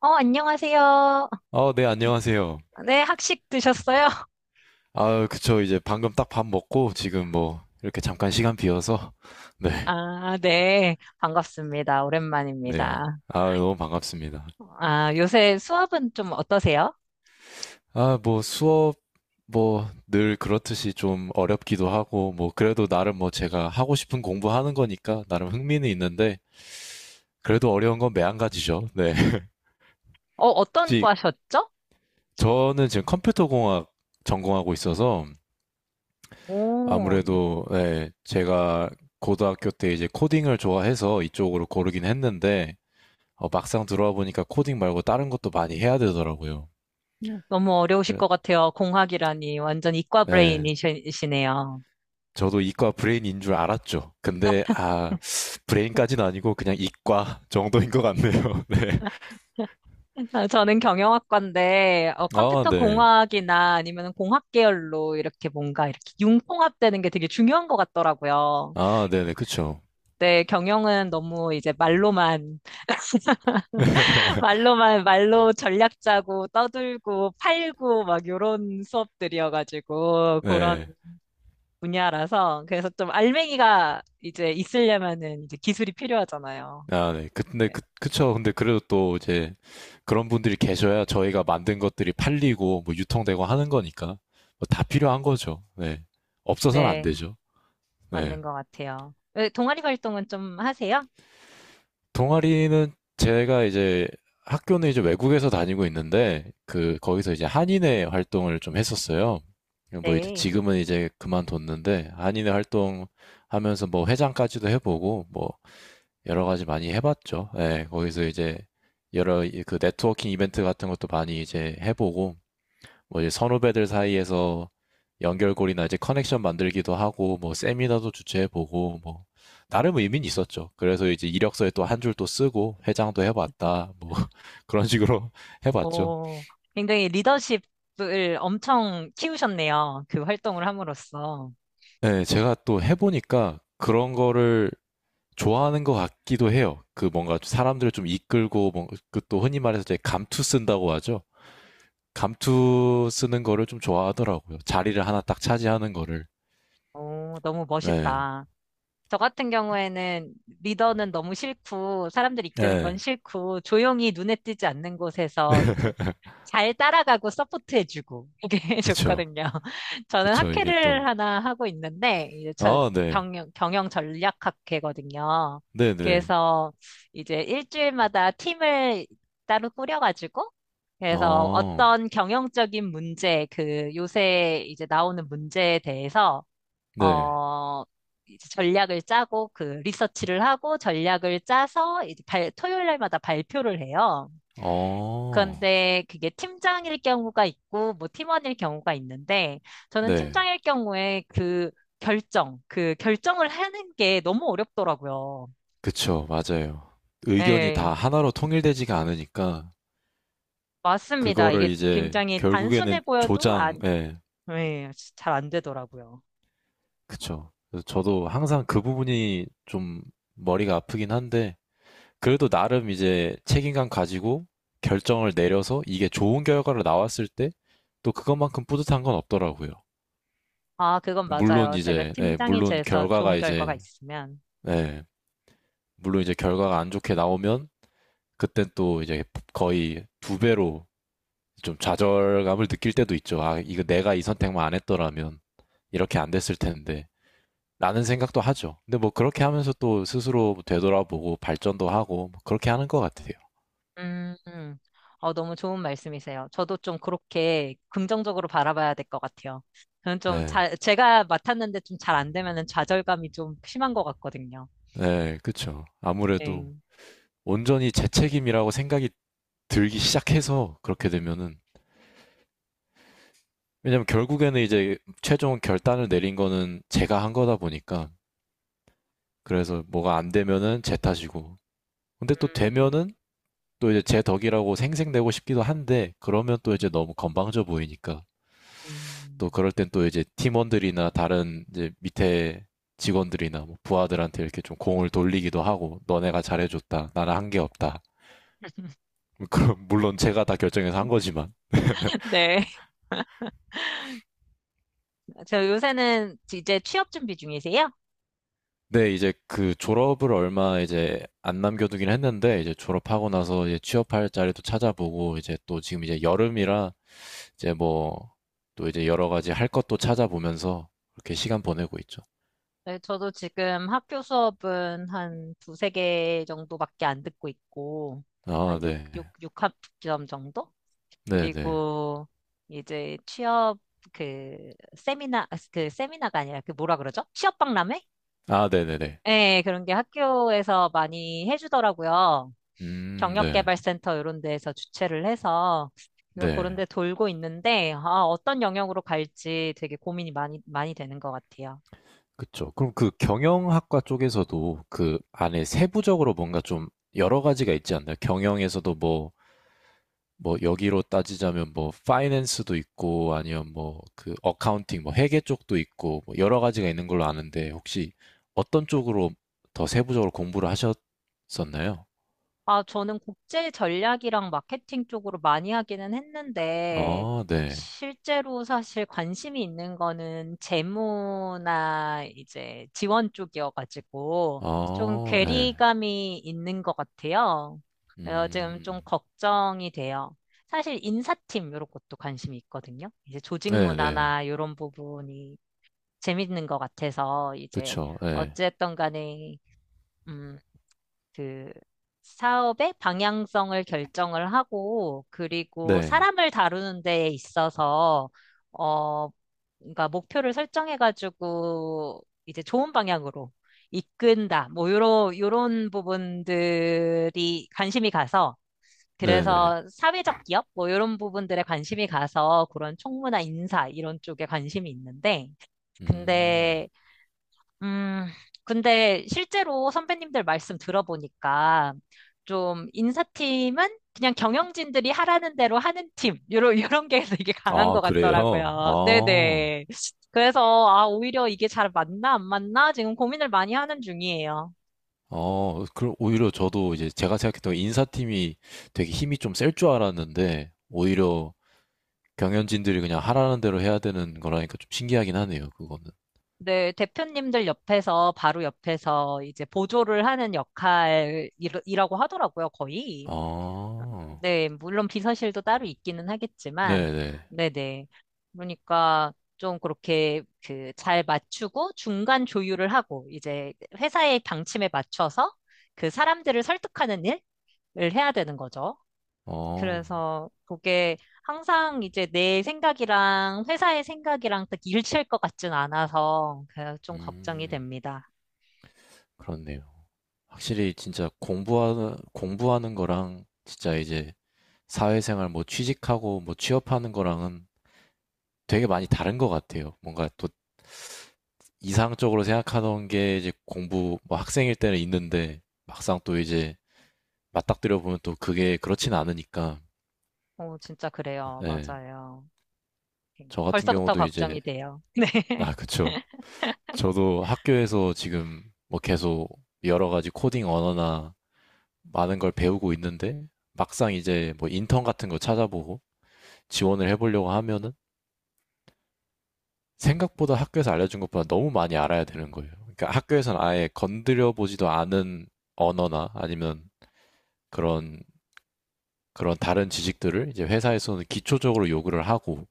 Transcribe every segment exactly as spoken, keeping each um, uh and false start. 어, 안녕하세요. 어, 네, 안녕하세요. 네, 학식 드셨어요? 아, 그쵸. 이제 방금 딱 밥 먹고 지금 뭐 이렇게 잠깐 시간 비어서 네, 아, 네. 반갑습니다. 네. 오랜만입니다. 아, 너무 반갑습니다. 아, 요새 수업은 좀 어떠세요? 아, 뭐 수업 뭐 늘 그렇듯이 좀 어렵기도 하고 뭐 그래도 나름 뭐 제가 하고 싶은 공부하는 거니까 나름 흥미는 있는데 그래도 어려운 건 매한가지죠. 네. 어, 어떤 혹시 과셨죠? 저는 지금 컴퓨터공학 전공하고 있어서 오, 이- 아무래도 네, 제가 고등학교 때 이제 코딩을 좋아해서 이쪽으로 고르긴 했는데 어, 막상 들어와 보니까 코딩 말고 다른 것도 많이 해야 되더라고요. 너무 어려우실 그래- 것 같아요. 공학이라니. 완전 이과 예. 브레인이시네요. 저도 이과 브레인인 줄 알았죠. 근데 아, 브레인까지는 아니고 그냥 이과 정도인 것 같네요. 네. 아, 저는 경영학과인데, 어, 아, 컴퓨터 네. 공학이나 아니면 공학 계열로 이렇게 뭔가 이렇게 융통합되는 게 되게 중요한 것 같더라고요. 아, 네네. 그쵸. 네, 경영은 너무 이제 말로만 말로만 말로 전략 짜고 떠들고 팔고 막 요런 수업들이어가지고 그런 네. 분야라서 그래서 좀 알맹이가 이제 있으려면은 이제 기술이 필요하잖아요. 아, 네. 그- 근데 네, 그, 그쵸. 근데 그래도 또 이제 그런 분들이 계셔야 저희가 만든 것들이 팔리고 뭐 유통되고 하는 거니까 뭐다 필요한 거죠. 네. 없어서는 안 네, 되죠. 네. 맞는 것 같아요. 왜 동아리 활동은 좀 하세요? 동아리는 제가 이제 학교는 이제 외국에서 다니고 있는데 그 거기서 이제 한인회 활동을 좀 했었어요. 뭐 이제 네. 지금은 이제 그만뒀는데 한인회 활동 하면서 뭐 회장까지도 해보고 뭐 여러 가지 많이 해봤죠. 예, 거기서 이제 여러 이- 그 네트워킹 이벤트 같은 것도 많이 이제 해보고 뭐 이제 선후배들 사이에서 연결고리나 이제 커넥션 만들기도 하고 뭐 세미나도 주최해보고 뭐 나름 의미는 있었죠. 그래서 이제 이력서에 또 한 줄 또 쓰고 회장도 해봤다 뭐 그런 식으로 해봤죠. 오, 굉장히 리더십을 엄청 키우셨네요. 그 활동을 함으로써. 네, 제가 또 해보니까 그런 거를 좋아하는 것 같기도 해요. 그 뭔가 사람들을 좀 이끌고 뭐 그또 흔히 말해서 이제 감투 쓴다고 하죠. 감투 쓰는 거를 좀 좋아하더라고요. 자리를 하나 딱 차지하는 거를. 오, 너무 네, 멋있다. 저 같은 경우에는 리더는 너무 싫고, 사람들 이끄는 건 네, 싫고, 조용히 눈에 띄지 않는 곳에서 이제 잘 따라가고 서포트해주고, 이게 그쵸. 좋거든요. 저는 그쵸, 이게 또, 학회를 하나 하고 있는데, 이제 저 아, 네, 경영, 경영 전략 학회거든요. 네네, 그래서 이제 일주일마다 팀을 따로 꾸려가지고, 그래서 어, 어떤 경영적인 문제, 그 요새 이제 나오는 문제에 대해서 네, 어, 이제 전략을 짜고 그 리서치를 하고 전략을 짜서 이제 발, 토요일 날마다 발표를 해요. 어, 그런데 그게 팀장일 경우가 있고 뭐 팀원일 경우가 있는데 저는 네, 팀장일 경우에 그 결정, 그 결정을 하는 게 너무 어렵더라고요. 그쵸, 맞아요. 의견이 예, 다 하나로 통일되지가 않으니까, 맞습니다. 그거를 이게 이제, 굉장히 단순해 결국에는 보여도 조장, 안, 예, 예, 잘 안 되더라고요. 그쵸. 그래서 저도 항상 그 부분이 좀 머리가 아프긴 한데, 그래도 나름 이제 책임감 가지고 결정을 내려서 이게 좋은 결과로 나왔을 때, 또 그것만큼 뿌듯한 건 없더라고요. 아, 그건 물론 맞아요. 제가 이제, 예, 팀장이 물론 돼서 결과가 좋은 결과가 이제, 있으면. 네. 물론 이제 결과가 안 좋게 나오면 그땐 또 이제 거의 두 배로 좀 좌절감을 느낄 때도 있죠. 아, 이거 내가 이 선택만 안 했더라면 이렇게 안 됐을 텐데. 라는 생각도 하죠. 근데 뭐 그렇게 하면서 또 스스로 되돌아보고 발전도 하고 뭐 그렇게 하는 것 같아요. 음, 음. 어, 너무 좋은 말씀이세요. 저도 좀 그렇게 긍정적으로 바라봐야 될 것 같아요. 저는 좀 네. 잘, 제가 맡았는데 좀 잘 안 되면은 좌절감이 좀 심한 것 같거든요. 네, 그쵸. 아무래도 네. 온전히 제 책임이라고 생각이 들기 시작해서 그렇게 되면은 왜냐면 결국에는 이제 최종 결단을 내린 거는 제가 한 거다 보니까 그래서 뭐가 안 되면은 제 탓이고. 근데 또 음, 되면은 또 이제 제 덕이라고 생색내고 싶기도 한데 그러면 또 이제 너무 건방져 보이니까 또 음. 그럴 땐 또 이제 팀원들이나 다른 이제 밑에 직원들이나 뭐 부하들한테 이렇게 좀 공을 돌리기도 하고 너네가 잘해줬다. 나는 한 게 없다. 뭐 그럼 물론 제가 다 결정해서 한 거지만. 네. 저 요새는 이제 취업 준비 중이세요? 네, 이제 그 졸업을 얼마 이제 안 남겨두긴 했는데 이제 졸업하고 나서 이제 취업할 자리도 찾아보고 이제 또 지금 이제 여름이라 이제 뭐, 또 이제 여러 가지 할 것도 찾아보면서 그렇게 시간 보내고 있죠. 네, 저도 지금 학교 수업은 한 두세 개 정도밖에 안 듣고 있고, 아, 한 육육 네. 육 학점 정도? 네 네. 그리고 이제 취업 그 세미나 아, 그 세미나가 아니라 그 뭐라 그러죠? 취업 박람회? 아, 네 네네. 예, 그런 게 학교에서 많이 해주더라고요. 음, 네. 경력개발센터 이런 데에서 주최를 해서 그래서 그런 네. 데 돌고 있는데 아, 어떤 영역으로 갈지 되게 고민이 많이 많이 되는 것 같아요. 그쵸. 그럼 그 경영학과 쪽에서도 그 안에 세부적으로 뭔가 좀 여러 가지가 있지 않나요? 경영에서도 뭐, 뭐 여기로 따지자면 뭐 파이낸스도 있고 아니면 뭐 그 어카운팅 뭐 회계 쪽도 있고 뭐 여러 가지가 있는 걸로 아는데 혹시 어떤 쪽으로 더 세부적으로 공부를 하셨었나요? 아, 저는 국제 전략이랑 마케팅 쪽으로 많이 하기는 했는데, 아 네. 실제로 사실 관심이 있는 거는 재무나 이제 지원 쪽이어가지고, 좀 아 네. 괴리감이 있는 것 같아요. 그래서 지금 음. 좀 걱정이 돼요. 사실 인사팀 이런 것도 관심이 있거든요. 이제 조직 네네. 문화나 이런 부분이 재밌는 것 같아서, 이제 그쵸. 예. 어쨌든 간에 음, 그 사업의 방향성을 결정을 하고 그리고 네. 사람을 다루는 데에 있어서 어 그러니까 목표를 설정해가지고 이제 좋은 방향으로 이끈다 뭐 요런 요런 부분들이 관심이 가서 네네. 그래서 사회적 기업 뭐 요런 부분들에 관심이 가서 그런 총무나 인사 이런 쪽에 관심이 있는데 음. 근데 음, 근데 실제로 선배님들 말씀 들어보니까 좀 인사팀은 그냥 경영진들이 하라는 대로 하는 팀, 요런, 요런 게 되게 강한 아 것 그래요? 같더라고요. 아. 네네. 그래서, 아, 오히려 이게 잘 맞나, 안 맞나? 지금 고민을 많이 하는 중이에요. 어 그럼 오히려 저도 이제 제가 생각했던 인사팀이 되게 힘이 좀 셀 줄 알았는데 오히려 경연진들이 그냥 하라는 대로 해야 되는 거라니까 좀 신기하긴 하네요, 그거는. 네, 대표님들 옆에서, 바로 옆에서 이제 보조를 하는 역할이라고 하더라고요, 거의. 아. 네, 물론 비서실도 따로 있기는 하겠지만, 네네. 네네. 그러니까 좀 그렇게 그 잘 맞추고 중간 조율을 하고 이제 회사의 방침에 맞춰서 그 사람들을 설득하는 일을 해야 되는 거죠. 어. 그래서 그게 항상 이제 내 생각이랑 회사의 생각이랑 딱 일치할 것 같진 않아서 그좀 걱정이 음. 됩니다. 그렇네요. 확실히 진짜 공부하는 공부하는 거랑 진짜 이제 사회생활 뭐 취직하고 뭐 취업하는 거랑은 되게 많이 다른 것 같아요. 뭔가 또 이상적으로 생각하던 게 이제 공부 뭐 학생일 때는 있는데 막상 또 이제 맞닥뜨려 보면 또 그게 그렇진 않으니까. 어, 진짜 그래요. 예. 맞아요. 네, 저 같은 벌써부터 경우도 이제 걱정이 돼요. 아 그쵸. 네. 저도 학교에서 지금 뭐 계속 여러 가지 코딩 언어나 많은 걸 배우고 있는데 막상 이제 뭐 인턴 같은 거 찾아보고 지원을 해보려고 하면은 생각보다 학교에서 알려준 것보다 너무 많이 알아야 되는 거예요. 그러니까 학교에서는 아예 건드려 보지도 않은 언어나 아니면 그런 그런 다른 지식들을 이제 회사에서는 기초적으로 요구를 하고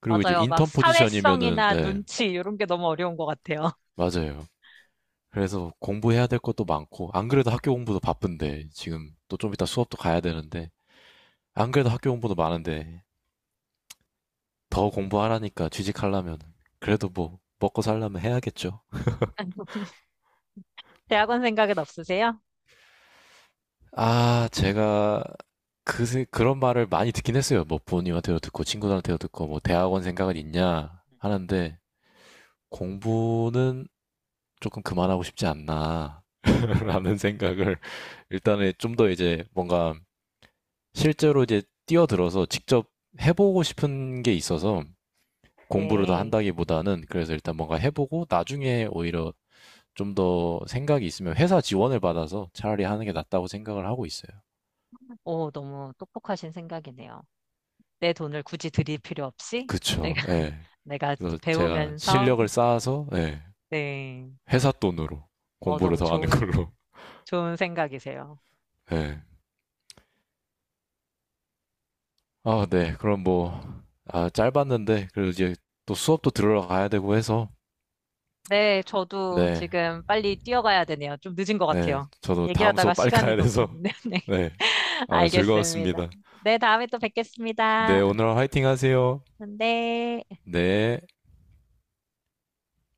그리고 이제 맞아요. 막 인턴 포지션이면은 사회성이나 네, 눈치 이런 게 너무 어려운 것 같아요. 맞아요. 그래서 공부해야 될 것도 많고 안 그래도 학교 공부도 바쁜데 지금 또 좀 이따 수업도 가야 되는데 안 그래도 학교 공부도 많은데 더 공부하라니까 취직하려면 그래도 뭐 먹고 살려면 해야겠죠. 대학원 생각은 없으세요? 아, 제가 그, 세- 그런 말을 많이 듣긴 했어요. 뭐 부모님한테도 듣고 친구들한테도 듣고 뭐 대학원 생각은 있냐 하는데 공부는 조금 그만하고 싶지 않나 라는 생각을 일단은 좀 더 이제 뭔가 실제로 이제 뛰어들어서 직접 해보고 싶은 게 있어서 공부를 다 네. 한다기보다는 그래서 일단 뭔가 해보고 나중에 오히려 좀 더 생각이 있으면 회사 지원을 받아서 차라리 하는 게 낫다고 생각을 하고 있어요. 오, 너무 똑똑하신 생각이네요. 내 돈을 굳이 드릴 필요 없이 그쵸. 내가 예. 내가 그래서 제가 배우면서 실력을 쌓아서 네 네. 회사 돈으로 어, 공부를 너무 더 하는 좋은 걸로. 좋은 생각이세요. 네 아, 네. 그럼 뭐 아, 짧았는데 그래도 이제 또 수업도 들으러 가야 되고 해서 네, 저도 네. 지금 빨리 뛰어가야 되네요. 좀 늦은 것 네. 같아요. 저도 다음 얘기하다가 수업 빨리 시간이 가야 돼서 높았는데. 네. 네. 아, 알겠습니다. 즐거웠습니다. 네, 다음에 또 뵙겠습니다. 네, 오늘 화이팅 하세요. 네. 네.